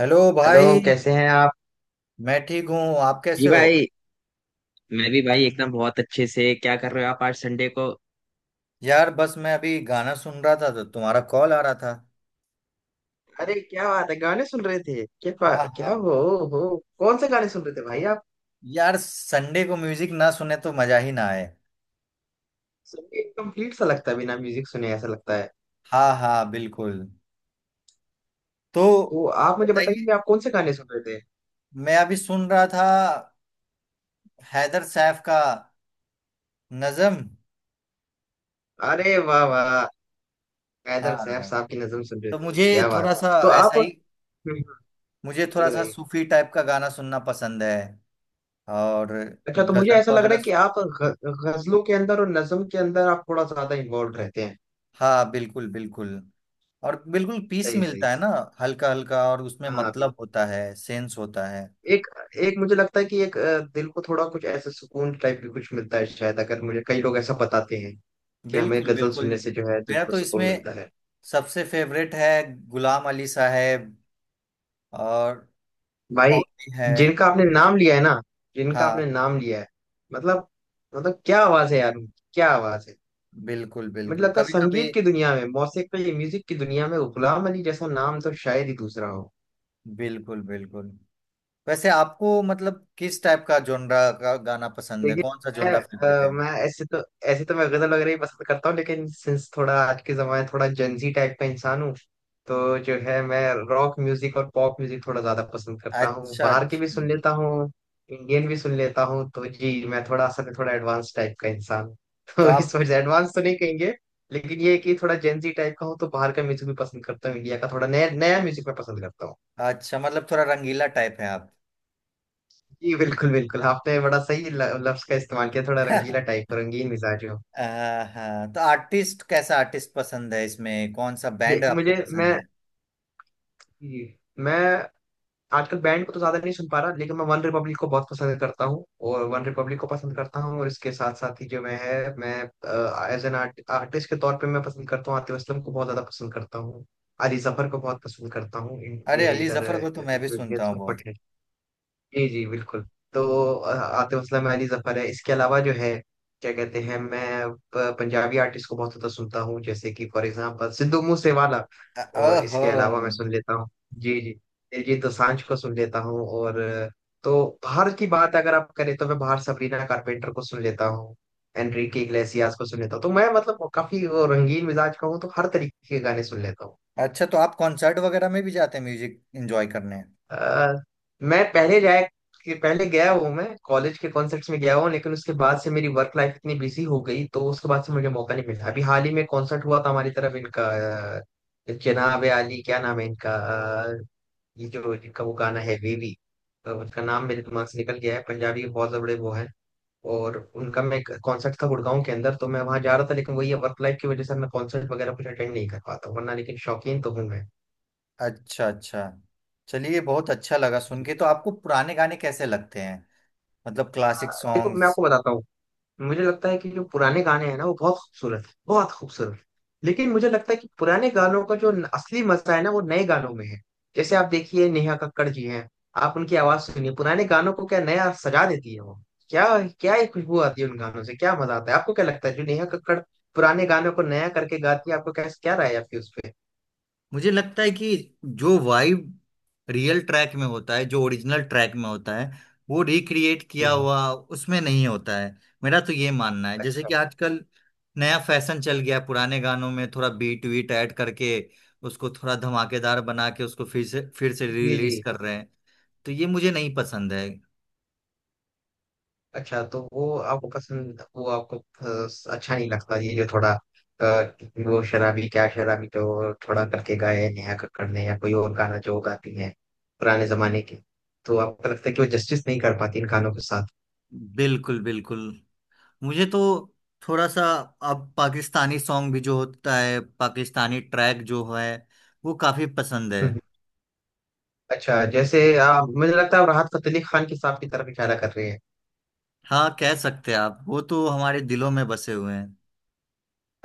Hello भाई। Hello, कैसे हैं आप? मैं ठीक हूँ। आप जी कैसे हो? भाई। मैं भी भाई, एकदम बहुत अच्छे से। क्या कर रहे हो आप आज संडे को? यार, बस मैं अभी गाना सुन रहा था तो तुम्हारा कॉल आ रहा था। अरे क्या बात है, गाने सुन रहे थे? हाँ हाँ। क्या हो, कौन से गाने सुन रहे थे भाई आप? यार, संडे को म्यूजिक ना सुने तो मजा ही ना आए। सुन के कंप्लीट सा लगता है, बिना म्यूजिक सुने ऐसा लगता है। हाँ हाँ, बिल्कुल। तो तो आप आप मुझे बताइए। बताइए कि आप कौन से गाने सुन रहे थे। मैं अभी सुन रहा था हैदर सैफ का नज़म। अरे वाह वाह! हैदर सैफ हाँ, साहब की नज़म सुन रहे तो थे, मुझे क्या थोड़ा बात! सा तो ऐसा आप। ही, हम्म। मुझे थोड़ा बताइए सा बताइए। सूफी टाइप का गाना सुनना पसंद है। और अच्छा, तो मुझे गजल ऐसा लग रहा है वगैरह। कि आप गजलों के अंदर और नज्म के अंदर आप थोड़ा ज्यादा इन्वॉल्व रहते हैं। हाँ, बिल्कुल बिल्कुल। और बिल्कुल पीस सही सही मिलता है सही। ना, हल्का हल्का। और उसमें हाँ। मतलब होता है, सेंस होता है। एक एक मुझे लगता है कि एक दिल को थोड़ा कुछ ऐसे सुकून टाइप भी कुछ मिलता है शायद, अगर मुझे कई लोग ऐसा बताते हैं कि हमें बिल्कुल गजल बिल्कुल। सुनने से जो है दिल मेरा को तो सुकून इसमें मिलता है। सबसे फेवरेट है गुलाम अली साहब। और भाई, और भी है। जिनका आपने नाम लिया है ना, जिनका आपने हाँ, नाम लिया है, मतलब, मतलब क्या आवाज है यार उनकी, क्या आवाज है! बिल्कुल मुझे बिल्कुल। लगता है कभी कभी संगीत की दुनिया में, मौसीकी म्यूजिक की दुनिया में, गुलाम अली जैसा नाम तो शायद ही दूसरा हो। बिल्कुल बिल्कुल। वैसे आपको मतलब किस टाइप का जोनरा का गाना पसंद है? देखिए, कौन सा मैं, जोनरा फेवरेट है? मैं ऐसे तो मैं गजल वगैरह ही पसंद करता हूँ, लेकिन सिंस थोड़ा आज के जमाने, थोड़ा जेंजी टाइप का इंसान हूँ। तो जो है, मैं रॉक म्यूजिक और पॉप म्यूजिक थोड़ा ज्यादा पसंद करता हूँ, अच्छा बाहर की भी अच्छा। सुन लेता हूँ, इंडियन भी सुन लेता हूँ। तो जी मैं थोड़ा असल में थोड़ा एडवांस टाइप का इंसान हूँ। तो तो इस आप, वजह एडवांस तो नहीं कहेंगे, लेकिन ये है कि थोड़ा जेंजी टाइप का हूँ, तो बाहर का म्यूजिक भी पसंद करता हूँ, इंडिया का थोड़ा नया नया म्यूजिक मैं पसंद करता हूँ। अच्छा मतलब थोड़ा रंगीला टाइप है आप। जी बिल्कुल बिल्कुल, आपने बड़ा सही लफ्ज का इस्तेमाल किया, थोड़ा रंगीला टाइप का, रंगीन मिजाज। आ, हाँ, तो आर्टिस्ट कैसा आर्टिस्ट पसंद है? इसमें कौन सा बैंड देख, आपको मुझे, पसंद मैं है? मैं आजकल बैंड को तो ज्यादा नहीं सुन पा रहा, लेकिन मैं वन रिपब्लिक को बहुत पसंद करता हूँ। और वन रिपब्लिक को पसंद करता हूँ, और इसके साथ साथ ही जो मैं है, मैं एज एन आर्टिस्ट के तौर पे मैं पसंद करता हूँ, आतिफ असलम को बहुत ज्यादा पसंद करता हूँ। अली जफर को बहुत पसंद करता हूँ। अरे, ये अली इधर, जफर को तो मैं भी जो इंडियन... सुनता हूँ बहुत। जी जी बिल्कुल। तो आतिफ असलम, अली जफर है, इसके अलावा जो है, क्या कहते हैं, मैं पंजाबी आर्टिस्ट को बहुत ज्यादा सुनता हूँ, जैसे कि फॉर एग्जांपल सिद्धू मूसेवाला। और ओहो। इसके अलावा मैं सुन लेता हूँ, जी जी, दिलजीत दोसांझ को सुन लेता हूँ, और तो बाहर की बात अगर आप करें, तो मैं बाहर सबरीना कारपेंटर को सुन लेता हूँ, एनरिके इग्लेसियास को सुन लेता हूँ। तो मैं मतलब काफी वो रंगीन मिजाज का हूँ, तो हर तरीके के गाने सुन लेता हूँ। अच्छा, तो आप कॉन्सर्ट वगैरह में भी जाते हैं म्यूजिक एंजॉय करने? अ, मैं पहले जाए, कि पहले गया हूँ, मैं कॉलेज के कॉन्सर्ट्स में गया हूँ, लेकिन उसके बाद से मेरी वर्क लाइफ इतनी बिजी हो गई, तो उसके बाद से मुझे मौका नहीं मिला। अभी हाल ही में कॉन्सर्ट हुआ था हमारी तरफ इनका, अ, जनाब आली क्या नाम है इनका, अ, ये जो इनका वो गाना है वेवी, तो उसका नाम मेरे दिमाग से निकल गया है। पंजाबी के बहुत बड़े वो है, और उनका मैं कॉन्सर्ट था गुड़गांव के अंदर, तो मैं वहां जा रहा था, लेकिन वही वर्क लाइफ की वजह से मैं कॉन्सर्ट वगैरह कुछ अटेंड नहीं कर पाता वरना, लेकिन शौकीन तो हूँ मैं। अच्छा अच्छा। चलिए, बहुत अच्छा लगा सुन जी। के। तो आपको पुराने गाने कैसे लगते हैं? मतलब क्लासिक देखो, मैं सॉन्ग्स। आपको बताता हूँ, मुझे लगता है कि जो पुराने गाने हैं ना, वो बहुत खूबसूरत है, बहुत खूबसूरत। लेकिन मुझे लगता है कि पुराने गानों का जो असली मजा है ना, वो नए गानों में है। जैसे आप देखिए नेहा कक्कड़ जी हैं, आप उनकी आवाज सुनिए, पुराने गानों को क्या नया सजा देती है वो! क्या, क्या ही खुशबू आती है उन गानों से, क्या मजा आता है! आपको क्या लगता है, जो नेहा कक्कड़ पुराने गानों को नया करके गाती है, आपको क्या, क्या राय है आपकी उस पे? मुझे लगता है कि जो वाइब रियल ट्रैक में होता है, जो ओरिजिनल ट्रैक में होता है, वो रिक्रिएट किया हम्म। हुआ उसमें नहीं होता है। मेरा तो ये मानना है। जैसे अच्छा। कि आजकल नया फैशन चल गया है, पुराने गानों में थोड़ा बीट वीट ऐड करके, उसको थोड़ा धमाकेदार बना के उसको फिर से जी जी। रिलीज कर रहे हैं। तो ये मुझे नहीं पसंद है। अच्छा, तो वो आपको पसंद, वो आपको अच्छा नहीं लगता, ये जो थोड़ा अ, वो शराबी, क्या शराबी जो थोड़ा करके गाए हैं नेहा कक्कड़ ने, या कोई और गाना जो गाती है पुराने जमाने के, तो आपको लगता है कि वो जस्टिस नहीं कर पाती इन गानों के साथ? बिल्कुल बिल्कुल। मुझे तो थोड़ा सा, अब पाकिस्तानी सॉन्ग भी जो होता है, पाकिस्तानी ट्रैक जो है, वो काफी पसंद है। हम्म। अच्छा, जैसे मुझे लगता है आप राहत फतेह अली खान के साहब की तरफ इशारा कर रहे हैं। हाँ, कह सकते हैं आप। वो तो हमारे दिलों में बसे हुए हैं।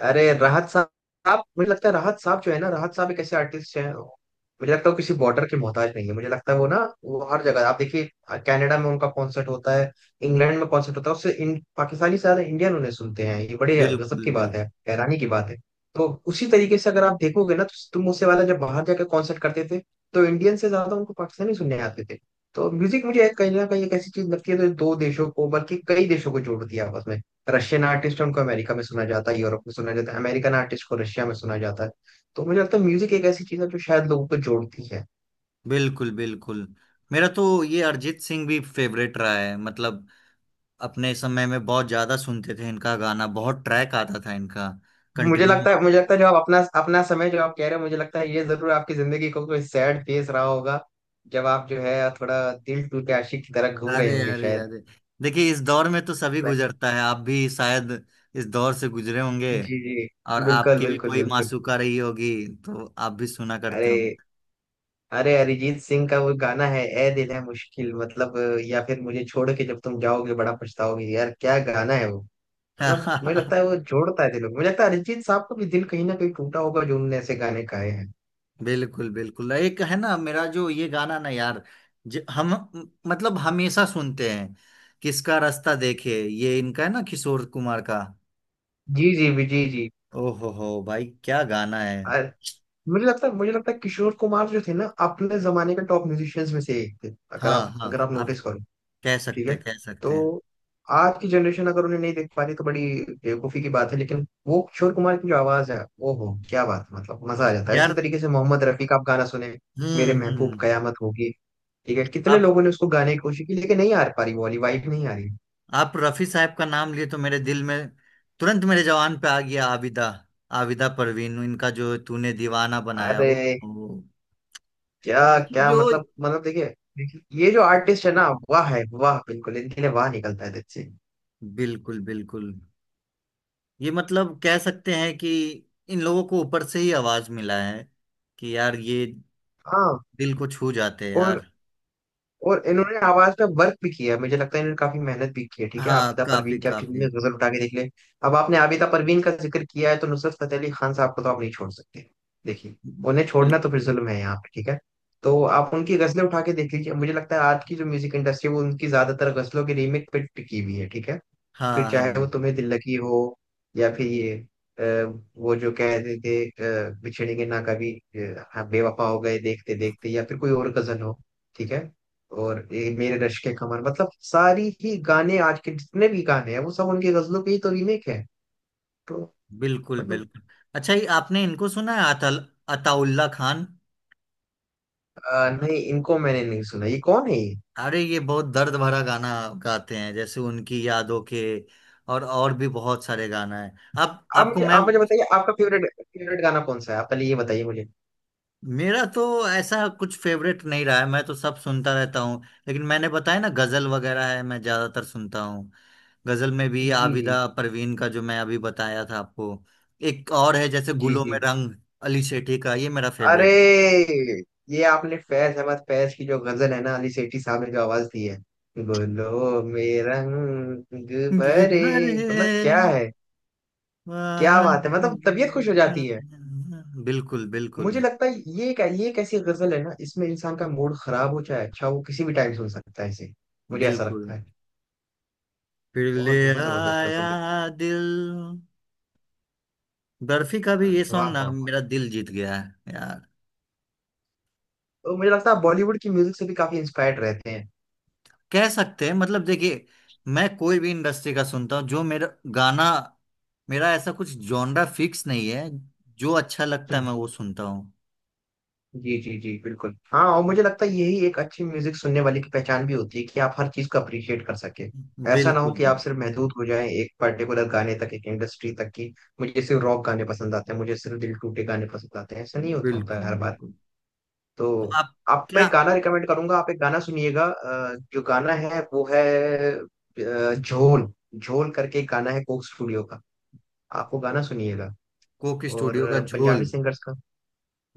अरे, राहत साहब, मुझे लगता है राहत साहब जो है ना, राहत साहब एक ऐसे आर्टिस्ट हैं, मुझे लगता है वो किसी बॉर्डर के मोहताज नहीं है, मुझे लगता है वो ना, वो हर जगह। आप देखिए, कनाडा में उनका कॉन्सर्ट होता है, इंग्लैंड में कॉन्सर्ट होता है, उससे पाकिस्तानी से ज्यादा इंडियन उन्हें सुनते हैं, ये बड़े गजब बिल्कुल की बिल्कुल बात है, हैरानी की बात है। तो उसी तरीके से अगर आप देखोगे ना, तो तुम उससे वाला जब बाहर जाकर कॉन्सर्ट करते थे, तो इंडियन से ज्यादा उनको पाकिस्तानी सुनने आते थे। तो म्यूजिक मुझे कहीं ना कहीं एक ऐसी चीज लगती है जो दो देशों को, बल्कि कई देशों को जोड़ती है आपस में। रशियन आर्टिस्ट है, उनको अमेरिका में सुना जाता है, यूरोप में सुना जाता है, अमेरिकन आर्टिस्ट को रशिया में सुना जाता है। तो मुझे लगता है म्यूजिक एक ऐसी चीज है जो शायद लोगों को जोड़ती है। बिल्कुल बिल्कुल। मेरा तो ये अरिजीत सिंह भी फेवरेट रहा है। मतलब अपने समय में बहुत ज्यादा सुनते थे इनका गाना। बहुत ट्रैक आता था इनका। मुझे कंटिन्यू। लगता है मुझे लगता है जो आप अपना अपना समय जो आप कह रहे हो, मुझे लगता है ये जरूर आपकी जिंदगी को कोई सैड फेस रहा होगा, जब आप जो है थोड़ा दिल टूट के आशिक की तरह घूम रहे अरे होंगे अरे शायद। अरे, देखिए, इस दौर में तो सभी Like, गुजरता है। आप भी शायद इस दौर से गुजरे होंगे। जी जी। और बिल्कुल आपकी भी बिल्कुल कोई बिल्कुल। मासूका रही होगी तो आप भी सुना करते अरे, होंगे। अरे, अरिजीत सिंह का वो गाना है ए दिल है मुश्किल, मतलब! या फिर मुझे छोड़ के जब तुम जाओगे बड़ा पछताओगे, यार क्या गाना है वो! मतलब मुझे लगता है वो जोड़ता है दिलों को, मुझे लगता है अरिजीत साहब का भी दिल कहीं ना कहीं टूटा होगा, जो उनने ऐसे गाने गाए हैं। बिल्कुल बिल्कुल। एक है ना मेरा जो ये गाना ना, यार, हम, मतलब हमेशा सुनते हैं, किसका रास्ता देखे ये, इनका है ना, किशोर कुमार का। जी जी भी जी जी। ओहो हो भाई, क्या गाना है। अ- मुझे लगता है किशोर कुमार जो थे ना, अपने जमाने के टॉप म्यूजिशियंस में से एक थे। अगर हाँ आप हाँ, अगर आप आप नोटिस करो। कह ठीक है। सकते कह तो सकते हैं। आज की जनरेशन अगर उन्हें नहीं देख पा रही, तो बड़ी बेवकूफी की बात है। लेकिन वो किशोर कुमार की जो आवाज है, वो हो, क्या बात है, मतलब मजा आ जाता है। इसी यार, तरीके से मोहम्मद रफी का आप गाना सुने, मेरे महबूब हम्म। कयामत होगी, ठीक है, कितने आप लोगों ने उसको गाने की कोशिश की, लेकिन नहीं आ पा रही, वो वाली वाइब नहीं आ रही। आप रफी साहब का नाम लिए तो मेरे दिल में तुरंत मेरे जवान पे आ गया आबिदा, आबिदा परवीन। इनका जो तूने दीवाना बनाया अरे, वो, वो- क्या, उनकी क्या जो, मतलब, मतलब देखिए, देखिए, ये जो आर्टिस्ट है ना, वाह है, वाह, बिल्कुल, इनके लिए वाह निकलता है दिल से। बिल्कुल बिल्कुल। ये मतलब कह सकते हैं कि इन लोगों को ऊपर से ही आवाज मिला है, कि यार ये हाँ। दिल को छू जाते हैं और यार। और इन्होंने आवाज पे वर्क भी किया है। मुझे लगता है इन्होंने काफी मेहनत भी की है। ठीक है, हाँ, आबिदा काफी परवीन की आप फिल्म में काफी। नजर उठा के देख ले। अब आपने आबिदा परवीन का जिक्र किया है, तो नुसरत फतेह अली खान साहब को तो आप नहीं छोड़ सकते। देखिए, उन्हें बिल- छोड़ना तो फिर जुल्म है यहाँ पे, ठीक है, तो आप उनकी गजलें उठा के देख लीजिए, मुझे लगता है आज की जो म्यूजिक इंडस्ट्री है, वो उनकी ज्यादातर गजलों के रीमेक पे टिकी हुई है, ठीक है। फिर हाँ चाहे वो हाँ, तुम्हें दिल लगी हो, या फिर ये अ, वो जो कहते थे बिछड़ेंगे ना कभी हाँ, बेवफा हो गए देखते देखते, या फिर कोई और गजल हो, ठीक है। और ये मेरे रश्क के कमर, मतलब, सारी ही गाने, आज के जितने भी गाने हैं, वो सब उनकी गजलों के ही तो रीमेक है। तो बिल्कुल मतलब, बिल्कुल। अच्छा, ये आपने इनको सुना है, अतल अताउल्ला खान? नहीं, इनको मैंने नहीं सुना, ये कौन है ये? अरे, ये बहुत दर्द भरा गाना गाते हैं, जैसे उनकी यादों के, और भी बहुत सारे गाना है। आप आप आपको मुझे, मैं, आप मुझे बताइए, आपका फेवरेट फेवरेट गाना कौन सा है, आप पहले ये बताइए मुझे। मेरा तो ऐसा कुछ फेवरेट नहीं रहा है। मैं तो सब सुनता रहता हूँ, लेकिन मैंने बताया ना, गजल वगैरह है मैं ज्यादातर सुनता हूँ। गजल में भी जी। आबिदा परवीन का जो मैं अभी बताया था आपको। एक और है, जैसे जी गुलों जी में जी। रंग, अली शेठी का, ये मेरा अरे, फेवरेट है। ये आपने फैज अहमद फैज की जो गजल है ना, अली सेठी साहब ने जो आवाज दी है, बोलो मेरा रंग ये भरे, भरे मतलब क्या है! क्या बात है, बादल। मतलब तबीयत खुश हो जाती है। बिल्कुल बिल्कुल मुझे लगता है ये एक, ये एक ऐसी गजल है ना, इसमें इंसान का मूड खराब हो चाहे अच्छा, वो किसी भी टाइम सुन सकता है इसे, मुझे ऐसा बिल्कुल। लगता है। फिर ले बहुत बहुत जबरदस्त आया गजल है। दिल, बर्फी का भी ये सॉन्ग वाह ना, वाह वाह! मेरा दिल जीत गया है यार। तो मुझे लगता है बॉलीवुड की म्यूजिक से भी काफी इंस्पायर्ड रहते कह सकते हैं, मतलब देखिए, मैं कोई भी इंडस्ट्री का सुनता हूँ, जो मेरा गाना, मेरा ऐसा कुछ जॉनरा फिक्स नहीं है। जो अच्छा लगता है हैं। मैं वो सुनता हूँ। जी जी जी बिल्कुल। हाँ, और मुझे लगता है यही एक अच्छी म्यूजिक सुनने वाले की पहचान भी होती है, कि आप हर चीज को अप्रिशिएट कर सके। ऐसा ना हो बिल्कुल कि आप सिर्फ महदूद हो जाएं एक पर्टिकुलर गाने तक, एक इंडस्ट्री तक की। मुझे सिर्फ रॉक गाने पसंद आते हैं, मुझे सिर्फ दिल टूटे गाने पसंद आते हैं, ऐसा नहीं होता, होता है बिल्कुल हर बार। बिल्कुल। तो तो आप? आप, मैं क्या? गाना रिकमेंड करूंगा, आप एक गाना सुनिएगा, जो गाना है वो है, झोल, झोल करके एक गाना है कोक स्टूडियो का, आप वो गाना सुनिएगा। कोक और स्टूडियो का झोल? पंजाबी सिंगर्स,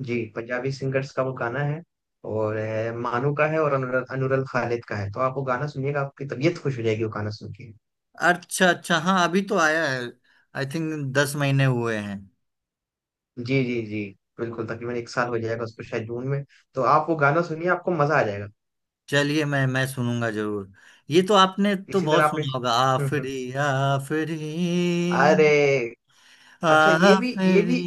जी, पंजाबी सिंगर्स का वो गाना है, और है, मानू का है, और अनुरल खालिद का है, तो आप वो गाना सुनिएगा, आपकी तबीयत खुश हो जाएगी वो गाना सुन के। अच्छा अच्छा। हाँ, अभी तो आया है। आई थिंक 10 महीने हुए हैं। जी जी जी बिल्कुल, तकरीबन 1 साल हो जाएगा उसको शायद जून में। तो आप वो गाना सुनिए, आपको मजा आ जाएगा। चलिए, मैं सुनूंगा जरूर। ये तो आपने तो इसी तरह बहुत आपने... सुना होगा, हम्म, हम्म। आफरी आफरी अरे, अच्छा, ये भी ये आफरी। भी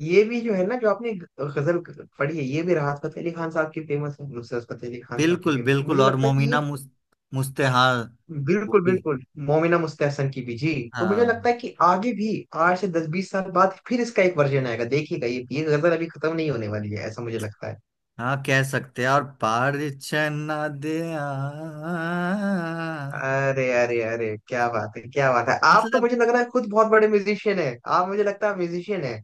ये भी जो है ना, जो आपने गजल पढ़ी है, ये भी राहत फतेह अली खान साहब की फेमस है, नुसरत फतेह अली खान साहब की बिल्कुल फेमस है, बिल्कुल। मुझे और लगता है कि मोमिना ये... मुस्तेहाल। बिल्कुल वो भी। बिल्कुल। मोमिना मुस्तहसन की भी जी। तो मुझे हाँ लगता है कि आगे भी 8 से 10, 20 साल बाद फिर इसका एक वर्जन आएगा, देखिएगा, ये गजल अभी खत्म नहीं होने वाली है, ऐसा मुझे लगता है। हाँ, कह सकते हैं। और परिचय ना दे अरे अरे अरे, क्या बात है, क्या बात है, आप तो मतलब मुझे लग रहा है खुद बहुत बड़े म्यूजिशियन है आप, मुझे लगता है म्यूजिशियन है।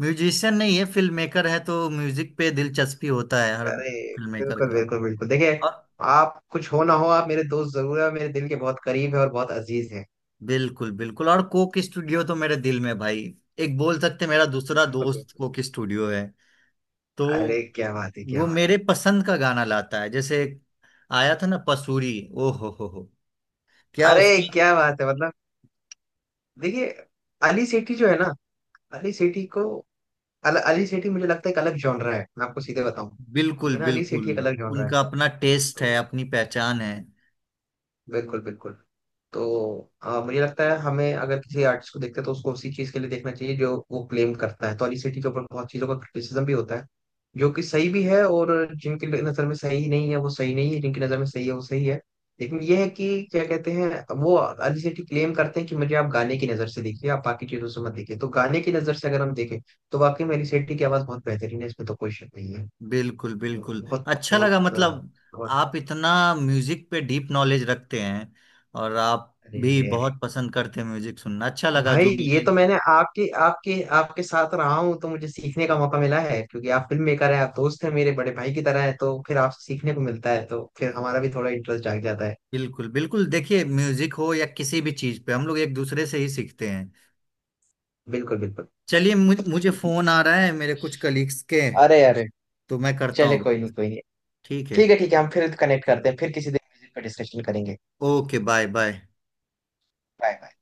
म्यूजिशियन नहीं है, फिल्म मेकर है, तो म्यूजिक पे दिलचस्पी होता है हर अरे फिल्म मेकर बिल्कुल का। बिल्कुल बिल्कुल, देखिए, और आप कुछ हो ना हो, आप मेरे दोस्त जरूर है, मेरे दिल के बहुत करीब है, और बहुत अजीज है। बिल्कुल बिल्कुल। और कोक स्टूडियो तो मेरे दिल में भाई, एक बोल सकते हैं, मेरा दूसरा बिल्कुल दोस्त बिल्कुल। कोक स्टूडियो है। तो अरे, क्या बात है, क्या वो बात मेरे है! पसंद का गाना लाता है, जैसे एक आया था ना पसूरी। ओ हो, क्या अरे, उसका! क्या बात है, मतलब, देखिए, अली सेठी जो है ना, अली सेठी को, अली सेठी मुझे लगता है एक अलग जॉनरा है, मैं आपको सीधे बताऊं, ठीक बिल्कुल है ना, अली बिल्कुल। सेठी एक अलग जॉनरा है। उनका अपना टेस्ट है, तो अपनी पहचान है। बिल्कुल बिल्कुल। तो मुझे लगता है हमें, अगर किसी आर्टिस्ट को देखते हैं, तो उसको उसी चीज के लिए देखना चाहिए जो वो क्लेम करता है, तो अली सेठी के ऊपर बहुत चीजों का क्रिटिसिज्म भी होता है, जो कि सही भी है। और जिनकी नज़र में सही नहीं है, वो सही नहीं है, जिनकी नज़र में सही है, वो सही है। लेकिन ये है कि क्या कहते हैं, वो अली सेठी क्लेम करते हैं कि मुझे आप गाने की नज़र से देखिए, आप बाकी चीज़ों से मत देखिए, तो गाने की नज़र से अगर हम देखें, तो वाकई में अली सेठी की आवाज़ बहुत बेहतरीन है, इसमें तो कोई शक नहीं है। बिल्कुल बिल्कुल। बहुत अच्छा बहुत, लगा, मतलब बहुत... आप इतना म्यूजिक पे डीप नॉलेज रखते हैं। और आप अरे भी अरे अरे, बहुत पसंद करते हैं म्यूजिक सुनना, अच्छा लगा जो भाई, ये मेरे। तो मैंने आपके आपके आपके साथ रहा हूँ, तो मुझे सीखने का मौका मिला है, क्योंकि आप फिल्म मेकर हैं, आप दोस्त हैं, मेरे बड़े भाई की तरह है, तो फिर आपसे सीखने को मिलता है, तो फिर हमारा भी थोड़ा इंटरेस्ट जाग जाता है। बिल्कुल बिल्कुल। देखिए, म्यूजिक हो या किसी भी चीज पे, हम लोग एक दूसरे से ही सीखते हैं। बिल्कुल बिल्कुल। चलिए, मुझे फोन आ रहा है मेरे कुछ कलीग्स के। अरे अरे, तो मैं करता चले, हूँ कोई नहीं, बात। कोई नहीं। ठीक है। ठीक है, ठीक है, हम फिर कनेक्ट करते हैं, फिर किसी दिन म्यूजिक पर डिस्कशन करेंगे। Okay, bye bye. Bye bye.